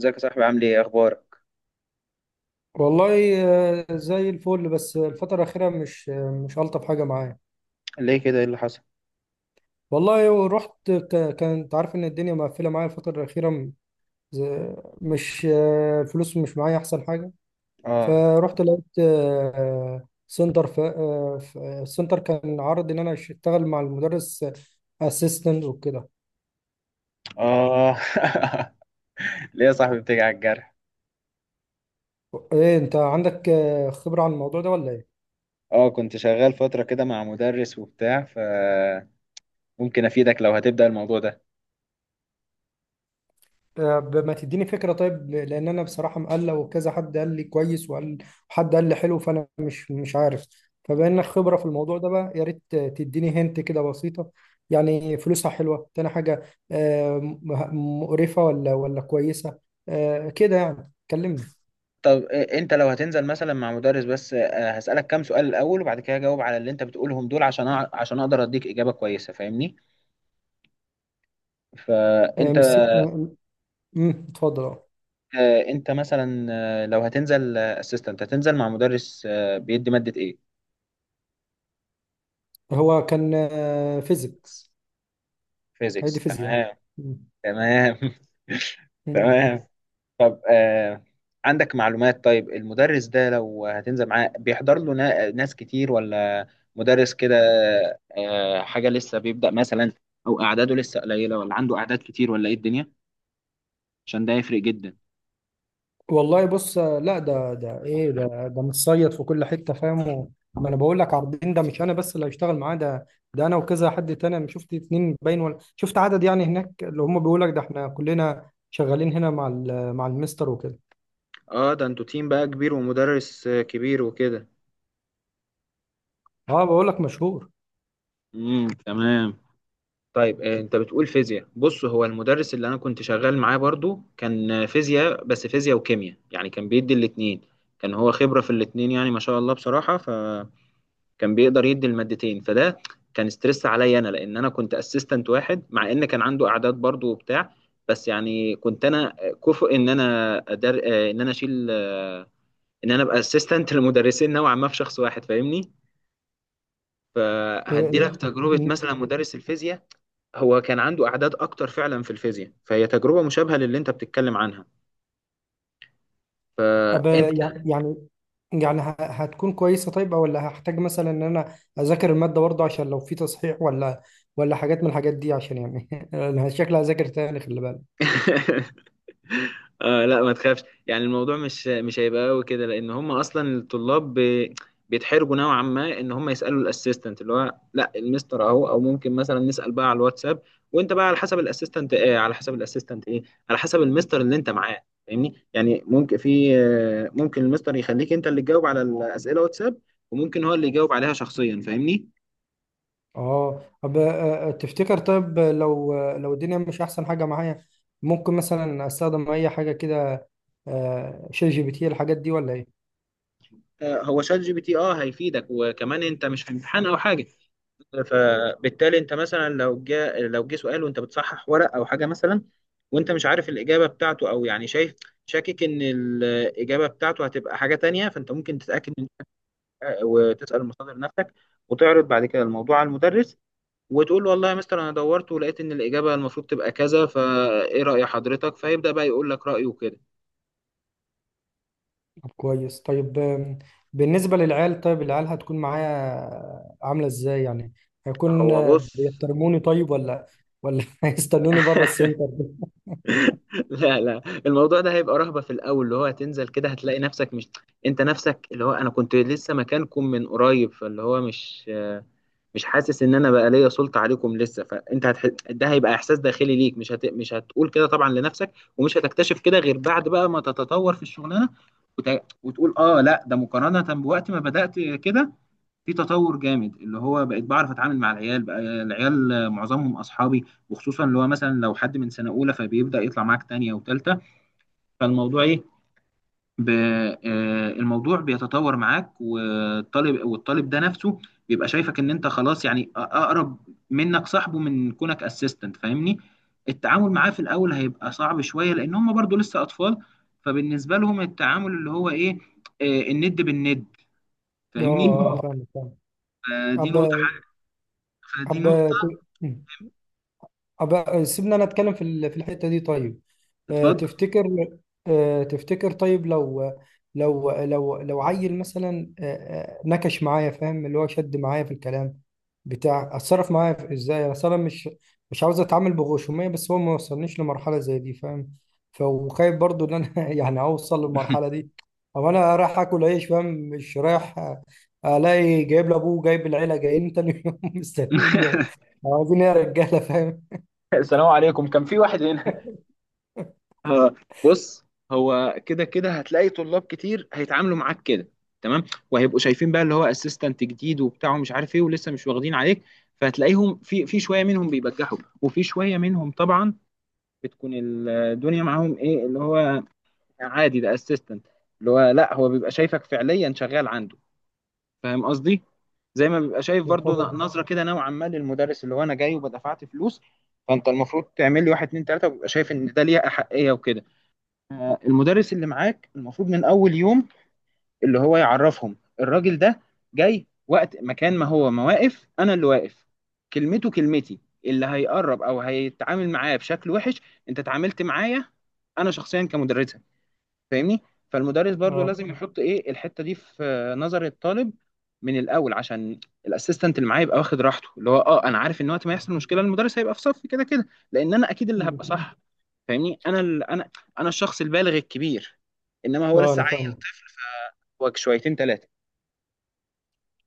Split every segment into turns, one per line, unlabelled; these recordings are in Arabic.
ازيك يا صاحبي، عامل ايه؟ اخبارك؟
والله زي الفل. بس الفترة الأخيرة مش مش ألطف حاجة معايا.
ليه كده؟ ايه اللي حصل؟
والله ورحت كنت عارف إن الدنيا مقفلة معايا الفترة الأخيرة م- ز- مش آه، الفلوس مش معايا أحسن حاجة.
اه.
فرحت لقيت آه، سنتر ف... آه، ف- آه، سنتر كان عرض إن أنا أشتغل مع المدرس أسيستنت وكده.
اه. ليه يا صاحبي بتيجي على الجرح؟
إيه، أنت عندك خبرة عن الموضوع ده ولا إيه؟
اه، كنت شغال فترة كده مع مدرس وبتاع، ف ممكن افيدك لو هتبدأ الموضوع ده.
طب ما تديني فكرة طيب، لأن أنا بصراحة مقلق، وكذا حد قال لي كويس وقال، وحد قال لي حلو، فأنا مش عارف. فبما إنك خبرة في الموضوع ده بقى، يا ريت تديني هنت كده بسيطة، يعني فلوسها حلوة. تاني حاجة، مقرفة ولا كويسة، كده يعني كلمني.
طب انت لو هتنزل مثلا مع مدرس، بس هسألك كام سؤال الاول، وبعد كده اجاوب على اللي انت بتقولهم دول، عشان عشان اقدر اديك اجابة كويسة، فاهمني؟
آه،
فانت
مش س- آه، مم، اتفضل آه.
انت مثلا، لو هتنزل اسيستنت هتنزل مع مدرس بيدي مادة ايه؟
هو كان فيزيكس. هي
فيزيكس،
دي فيزياء.
تمام. تمام. تمام. طب عندك معلومات؟ طيب المدرس ده لو هتنزل معاه بيحضر له ناس كتير؟ ولا مدرس كده حاجة لسه بيبدأ مثلا، أو أعداده لسه قليلة، ولا عنده أعداد كتير، ولا إيه الدنيا؟ عشان ده يفرق جدا.
والله بص، لا، ده ايه، ده متصيد في كل حته، فاهم؟ ما انا بقول لك، عارضين ده مش انا بس اللي هشتغل معاه، ده ده انا وكذا حد تاني. انا شفت اتنين باين، ولا شفت عدد يعني هناك اللي هم بيقول لك ده احنا كلنا شغالين هنا مع مع المستر وكده.
اه ده انتوا تيم بقى كبير، ومدرس كبير وكده.
اه، بقول لك مشهور.
تمام. طيب انت بتقول فيزياء. بص، هو المدرس اللي انا كنت شغال معاه برضو كان فيزياء، بس فيزياء وكيمياء، يعني كان بيدي الاتنين. كان هو خبرة في الاتنين، يعني ما شاء الله بصراحة. كان بيقدر يدي المادتين، فده كان ستريس عليا انا، لان انا كنت اسيستنت واحد، مع ان كان عنده اعداد برضو وبتاع. بس يعني كنت انا كفؤ ان انا أدر... آه، ان انا اشيل آه، ان انا ابقى اسيستنت لمدرسين نوعا ما في شخص واحد، فاهمني؟ فهدي
إيه-
لك تجربة
إيه،
مثلا، مدرس الفيزياء هو كان عنده أعداد أكتر فعلا في الفيزياء، فهي تجربة مشابهة للي أنت بتتكلم عنها.
أب
فأنت.
يعني يعني يعني هتكون كويسه طيب، ولا هحتاج مثلا ان انا اذاكر الماده برضه، عشان لو في تصحيح ولا حاجات من الحاجات دي؟ عشان يعني انا شكلي هذاكر تاني، خلي بالك.
لا ما تخافش، يعني الموضوع مش هيبقى قوي كده، لان هم اصلا الطلاب بيتحرجوا نوعا ما ان هم يسالوا الاسيستنت، اللي هو لا، المستر اهو، او ممكن مثلا نسال بقى على الواتساب. وانت بقى على حسب الاسيستنت ايه، على حسب الاسيستنت ايه، على حسب المستر اللي انت معاه، فاهمني؟ يعني ممكن في آه، ممكن المستر يخليك انت اللي تجاوب على الاسئله واتساب، وممكن هو اللي يجاوب عليها شخصيا، فاهمني؟
اه، طب، تفتكر طيب، لو الدنيا مش احسن حاجه معايا، ممكن مثلا استخدم اي حاجه كده، ChatGPT، الحاجات دي ولا ايه؟
هو شات جي بي تي اه هيفيدك، وكمان انت مش في امتحان او حاجه، فبالتالي انت مثلا لو جه لو جه سؤال وانت بتصحح ورق او حاجه مثلا، وانت مش عارف الاجابه بتاعته، او يعني شايف، شاكك ان الاجابه بتاعته هتبقى حاجه تانية، فانت ممكن تتاكد من، وتسال المصادر نفسك، وتعرض بعد كده الموضوع على المدرس، وتقول له والله يا مستر انا دورت ولقيت ان الاجابه المفروض تبقى كذا، فايه راي حضرتك؟ فيبدا بقى يقول لك رايه كده.
طب كويس. طيب بالنسبه للعيال، طيب العيال هتكون معايا عامله ازاي يعني؟ هيكون
هو بص،
بيحترموني طيب، ولا هيستنوني بره السنتر؟
لا لا، الموضوع ده هيبقى رهبة في الأول، اللي هو هتنزل كده هتلاقي نفسك مش. أنت نفسك اللي هو أنا كنت لسه مكانكم من قريب، فاللي هو مش حاسس إن أنا بقى ليا سلطة عليكم لسه. فأنت ده هيبقى إحساس داخلي ليك، مش هتقول كده طبعا لنفسك، ومش هتكتشف كده غير بعد بقى ما تتطور في الشغلانة، وت... وتقول آه لا، ده مقارنة بوقت ما بدأت كده، في تطور جامد، اللي هو بقيت بعرف اتعامل مع العيال. بقى العيال معظمهم اصحابي، وخصوصا اللي هو مثلا لو حد من سنه اولى، فبيبدا يطلع معاك تانية وتالتة. فالموضوع ايه؟ ب... آه، الموضوع بيتطور معاك، والطالب ده نفسه بيبقى شايفك ان انت خلاص، يعني اقرب منك صاحبه من كونك اسيستنت، فاهمني؟ التعامل معاه في الاول هيبقى صعب شويه، لان هم برضو لسه اطفال، فبالنسبه لهم التعامل اللي هو ايه، الند بالند،
اه،
فاهمني؟
اه، فاهم فاهم.
آه، دي
طب
نقطه حاجه فدي
طب،
نقطه.
أبقى سيبنا انا اتكلم في في الحته دي طيب. آه،
اتفضل.
تفتكر تفتكر طيب، لو لو عيل مثلا نكش معايا، فاهم؟ اللي هو شد معايا في الكلام بتاع. اتصرف معايا ازاي؟ اصل انا مش عاوز اتعامل بغشوميه، بس هو ما وصلنيش لمرحله زي دي، فاهم؟ وخايف برضو ان انا يعني اوصل للمرحله دي، او انا رايح اكل عيش، فاهم، مش رايح الاقي جايب لابوه، جايب العيله، جايين تاني يوم مستنيين، عاوزين إيه يا رجاله، فاهم؟
السلام عليكم، كان في واحد هنا. آه، بص، هو كده كده هتلاقي طلاب كتير هيتعاملوا معاك كده، تمام؟ وهيبقوا شايفين بقى اللي هو اسيستنت جديد وبتاع ومش عارف ايه، ولسه مش واخدين عليك. فهتلاقيهم في شويه منهم بيبجحوا، وفي شويه منهم طبعا بتكون الدنيا معاهم ايه، اللي هو عادي ده اسيستنت، اللي هو لا، هو بيبقى شايفك فعليا شغال عنده، فاهم قصدي؟ زي ما بيبقى شايف
يا
برضو
خبر.
نظره كده نوعا ما للمدرس، اللي هو انا جاي وبدفعت فلوس، فانت المفروض تعمل لي واحد اتنين تلاته، وبيبقى شايف ان ده ليه احقيه وكده. المدرس اللي معاك المفروض من اول يوم اللي هو يعرفهم الراجل ده جاي، وقت مكان ما هو ما واقف انا اللي واقف. كلمته كلمتي، اللي هيقرب او هيتعامل معايا بشكل وحش انت اتعاملت معايا انا شخصيا كمدرسة، فاهمني؟ فالمدرس برضو
اه.
لازم يحط ايه الحتة دي في نظر الطالب من الاول، عشان الاسيستنت اللي معايا يبقى واخد راحته، اللي هو اه انا عارف ان وقت ما يحصل مشكلة المدرس هيبقى في صفي كده كده، لان انا اكيد اللي
مم.
هبقى صح، فاهمني؟ انا ال... انا انا الشخص البالغ الكبير، انما هو
اه،
لسه
انا
عيل
فاهمك.
فوق شويتين ثلاثه.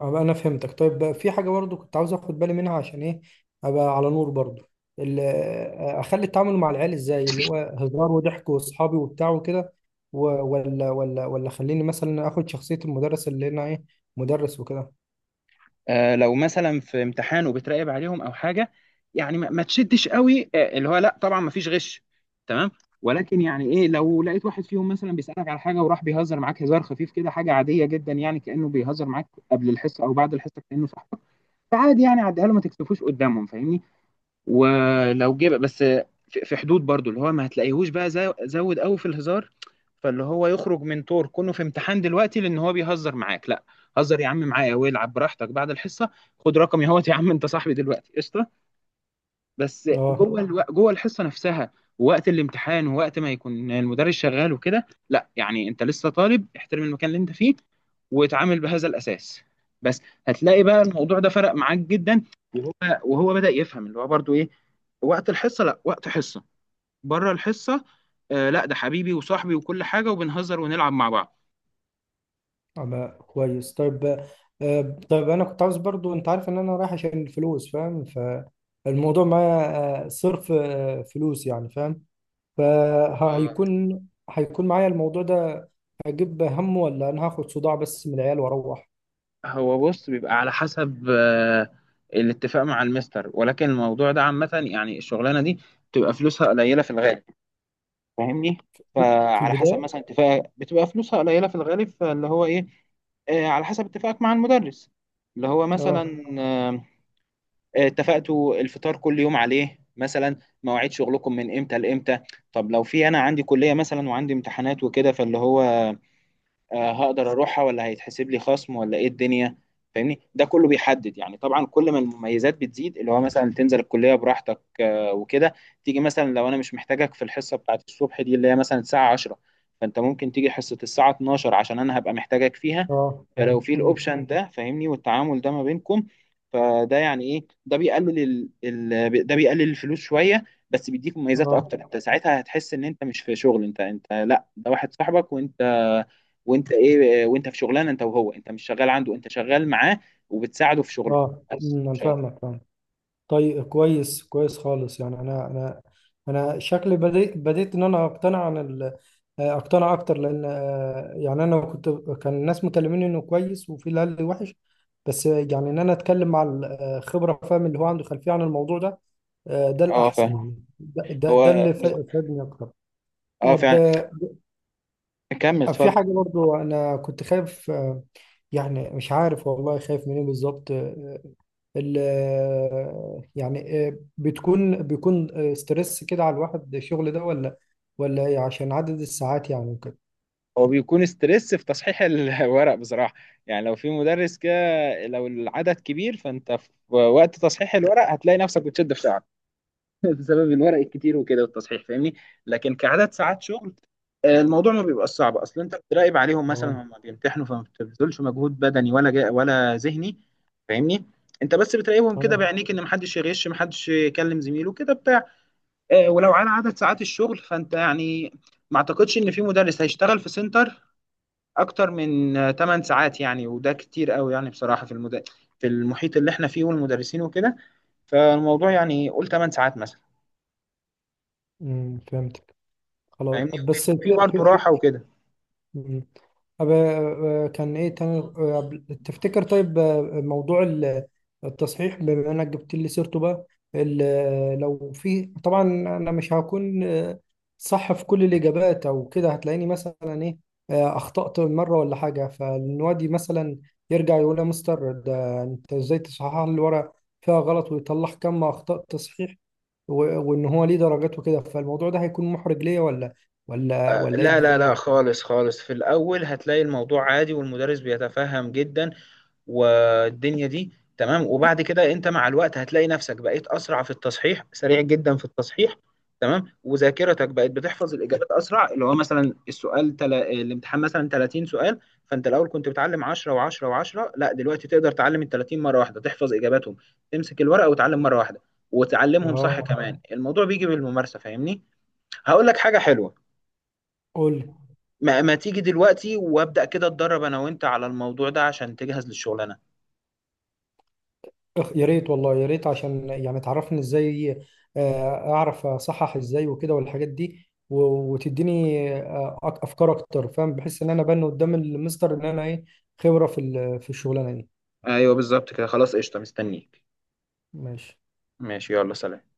انا فهمتك. طيب بقى، في حاجه برضو كنت عاوز اخد بالي منها، عشان ايه ابقى على نور برضو. اخلي التعامل مع العيال ازاي، اللي هو هزار وضحك واصحابي وبتاع وكده، و- ولا خليني مثلا اخد شخصيه المدرس، اللي انا ايه، مدرس وكده.
آه لو مثلا في امتحان وبتراقب عليهم او حاجه، يعني ما تشدش قوي، اللي هو لا طبعا ما فيش غش، تمام؟ ولكن يعني ايه، لو لقيت واحد فيهم مثلا بيسالك على حاجه وراح بيهزر معاك هزار خفيف كده، حاجه عاديه جدا، يعني كانه بيهزر معاك قبل الحصه او بعد الحصه، كانه صاحبك، فعادي يعني عديها له، ما تكسفوش قدامهم، فاهمني؟ ولو جه بس في حدود برضو، اللي هو ما هتلاقيهوش بقى زود قوي في الهزار، فاللي هو يخرج من طور كونه في امتحان دلوقتي لان هو بيهزر معاك، لا. هزر يا عم معايا والعب براحتك بعد الحصه، خد رقمي اهوت، يا عم انت صاحبي دلوقتي، قشطه. بس
اه.
جوه الحصه نفسها، ووقت الامتحان ووقت ما يكون المدرس شغال وكده، لا، يعني انت لسه طالب، احترم المكان اللي انت فيه، واتعامل بهذا الاساس بس، هتلاقي بقى الموضوع ده فرق معاك جدا. وهو وهو بدأ يفهم اللي هو برضو ايه، وقت الحصه لا، وقت حصه. بره الحصه، آه لا، ده حبيبي وصاحبي وكل حاجه، وبنهزر ونلعب مع بعض.
أبقى كويس. طيب، طيب انا كنت عاوز برضو، انت عارف ان انا رايح عشان الفلوس، فاهم؟ فالموضوع معايا صرف فلوس يعني، فاهم؟ فهيكون هيكون معايا الموضوع ده، هجيب همه، ولا انا هاخد صداع بس من العيال واروح؟
هو بص، بيبقى على حسب الاتفاق مع المستر، ولكن الموضوع ده عامة يعني الشغلانة دي بتبقى فلوسها قليلة في الغالب، فاهمني؟
في
فعلى حسب
البداية.
مثلا اتفاق، بتبقى فلوسها قليلة في الغالب، فاللي هو ايه، على حسب اتفاقك مع المدرس، اللي هو
اه.
مثلا اتفقتوا الفطار كل يوم عليه مثلا، مواعيد شغلكم من امتى لامتى، طب لو في انا عندي كلية مثلا وعندي امتحانات وكده، فاللي هو هقدر اروحها، ولا هيتحسب لي خصم، ولا ايه الدنيا؟ فاهمني ده كله بيحدد، يعني طبعا كل ما المميزات بتزيد، اللي هو مثلا تنزل الكليه براحتك وكده، تيجي مثلا لو انا مش محتاجك في الحصه بتاعت الصبح دي، اللي هي مثلا الساعه 10، فانت ممكن تيجي حصه الساعه 12، عشان انا هبقى محتاجك فيها،
اه.
فلو حلو في
مم.
الاوبشن ده، فاهمني؟ والتعامل ده ما بينكم، فده يعني ايه، ده بيقلل الفلوس شويه، بس بيديك مميزات
اه.
اكتر. انت ساعتها هتحس ان انت مش في شغل، انت، انت لا، ده واحد صاحبك، وانت ايه، وانت في شغلانه انت وهو، انت مش شغال عنده، انت شغال معاه، وبتساعده في شغله،
اه.
بس
مم. انا
مش أكتر.
فاهمك فاهم. طيب كويس كويس خالص. يعني انا شكلي بديت ان انا اقتنع اكتر، لان يعني انا كنت كان الناس مكلميني انه كويس، وفي اللي قال لي وحش، بس يعني ان انا اتكلم مع الخبره، فاهم؟ اللي هو عنده خلفيه عن الموضوع ده، ده
اه
الأحسن
فاهم.
يعني، ده
هو
اللي فادني أكتر.
اه
طب
فعلا. كمل
في
اتفضل.
حاجة برضو أنا كنت خايف يعني مش عارف والله، خايف منين بالظبط؟ آه، ال آه، يعني آه، بيكون ستريس كده على الواحد الشغل ده، ولا ولا إيه؟ عشان عدد الساعات يعني وكده.
هو بيكون ستريس في تصحيح الورق بصراحه، يعني لو في مدرس كده لو العدد كبير، فانت في وقت تصحيح الورق هتلاقي نفسك بتشد في ساعه بسبب الورق الكتير وكده والتصحيح، فاهمني؟ لكن كعدد ساعات شغل، الموضوع ما بيبقى صعب، اصل انت بتراقب عليهم مثلا
اه.
هم بيمتحنوا، فما بتبذلش مجهود بدني ولا جا ولا ذهني، فاهمني؟ انت بس بتراقبهم كده
اه،
بعينيك ان محدش يغش، محدش يكلم زميله كده بتاع. ولو على عدد ساعات الشغل، فانت يعني ما اعتقدش ان في مدرس هيشتغل في سنتر اكتر من 8 ساعات، يعني وده كتير قوي يعني بصراحة، في المحيط اللي احنا فيه والمدرسين وكده. فالموضوع يعني قول 8 ساعات مثلا،
فهمتك. خلاص،
فاهمني؟
بس
في
في في
برضه راحة
في
وكده.
مم. طب، كان ايه تاني، تفتكر طيب، موضوع التصحيح، بما انك جبت لي سيرته بقى. لو في طبعا انا مش هكون صح في كل الاجابات، او كده هتلاقيني مثلا ايه، اخطأت مره ولا حاجه، فالنوادي مثلا يرجع يقول يا مستر، ده انت ازاي تصحح لي الورق فيها غلط، ويطلع كم اخطاء تصحيح، وان هو ليه درجات وكده، فالموضوع ده هيكون محرج ليا، ولا ايه
لا لا لا،
الدنيا؟
خالص خالص في الأول، هتلاقي الموضوع عادي، والمدرس بيتفهم جدا، والدنيا دي تمام. وبعد كده أنت مع الوقت هتلاقي نفسك بقيت أسرع في التصحيح، سريع جدا في التصحيح، تمام؟ وذاكرتك بقت بتحفظ الإجابات أسرع. اللي هو مثلا الامتحان مثلا 30 سؤال، فأنت الأول كنت بتعلم 10 و10 و10، لا دلوقتي تقدر تعلم ال 30 مرة واحدة، تحفظ إجاباتهم، تمسك الورقة وتعلم مرة واحدة، وتعلمهم صح
اه.
كمان. الموضوع بيجي بالممارسة، فاهمني؟ هقول لك حاجة حلوة.
قول.
ما تيجي دلوقتي وابدأ كده اتدرب انا وانت على الموضوع ده، عشان تجهز للشغلانة.
يا ريت والله، يا ريت، عشان يعني تعرفني ازاي اعرف اصحح ازاي وكده، والحاجات دي، وتديني افكار اكتر، فاهم؟ بحس ان انا بان قدام المستر ان انا ايه، خبرة في في الشغلانة دي.
ايوه بالظبط كده، خلاص قشطه مستنيك.
ماشي.
ماشي يلا سلام.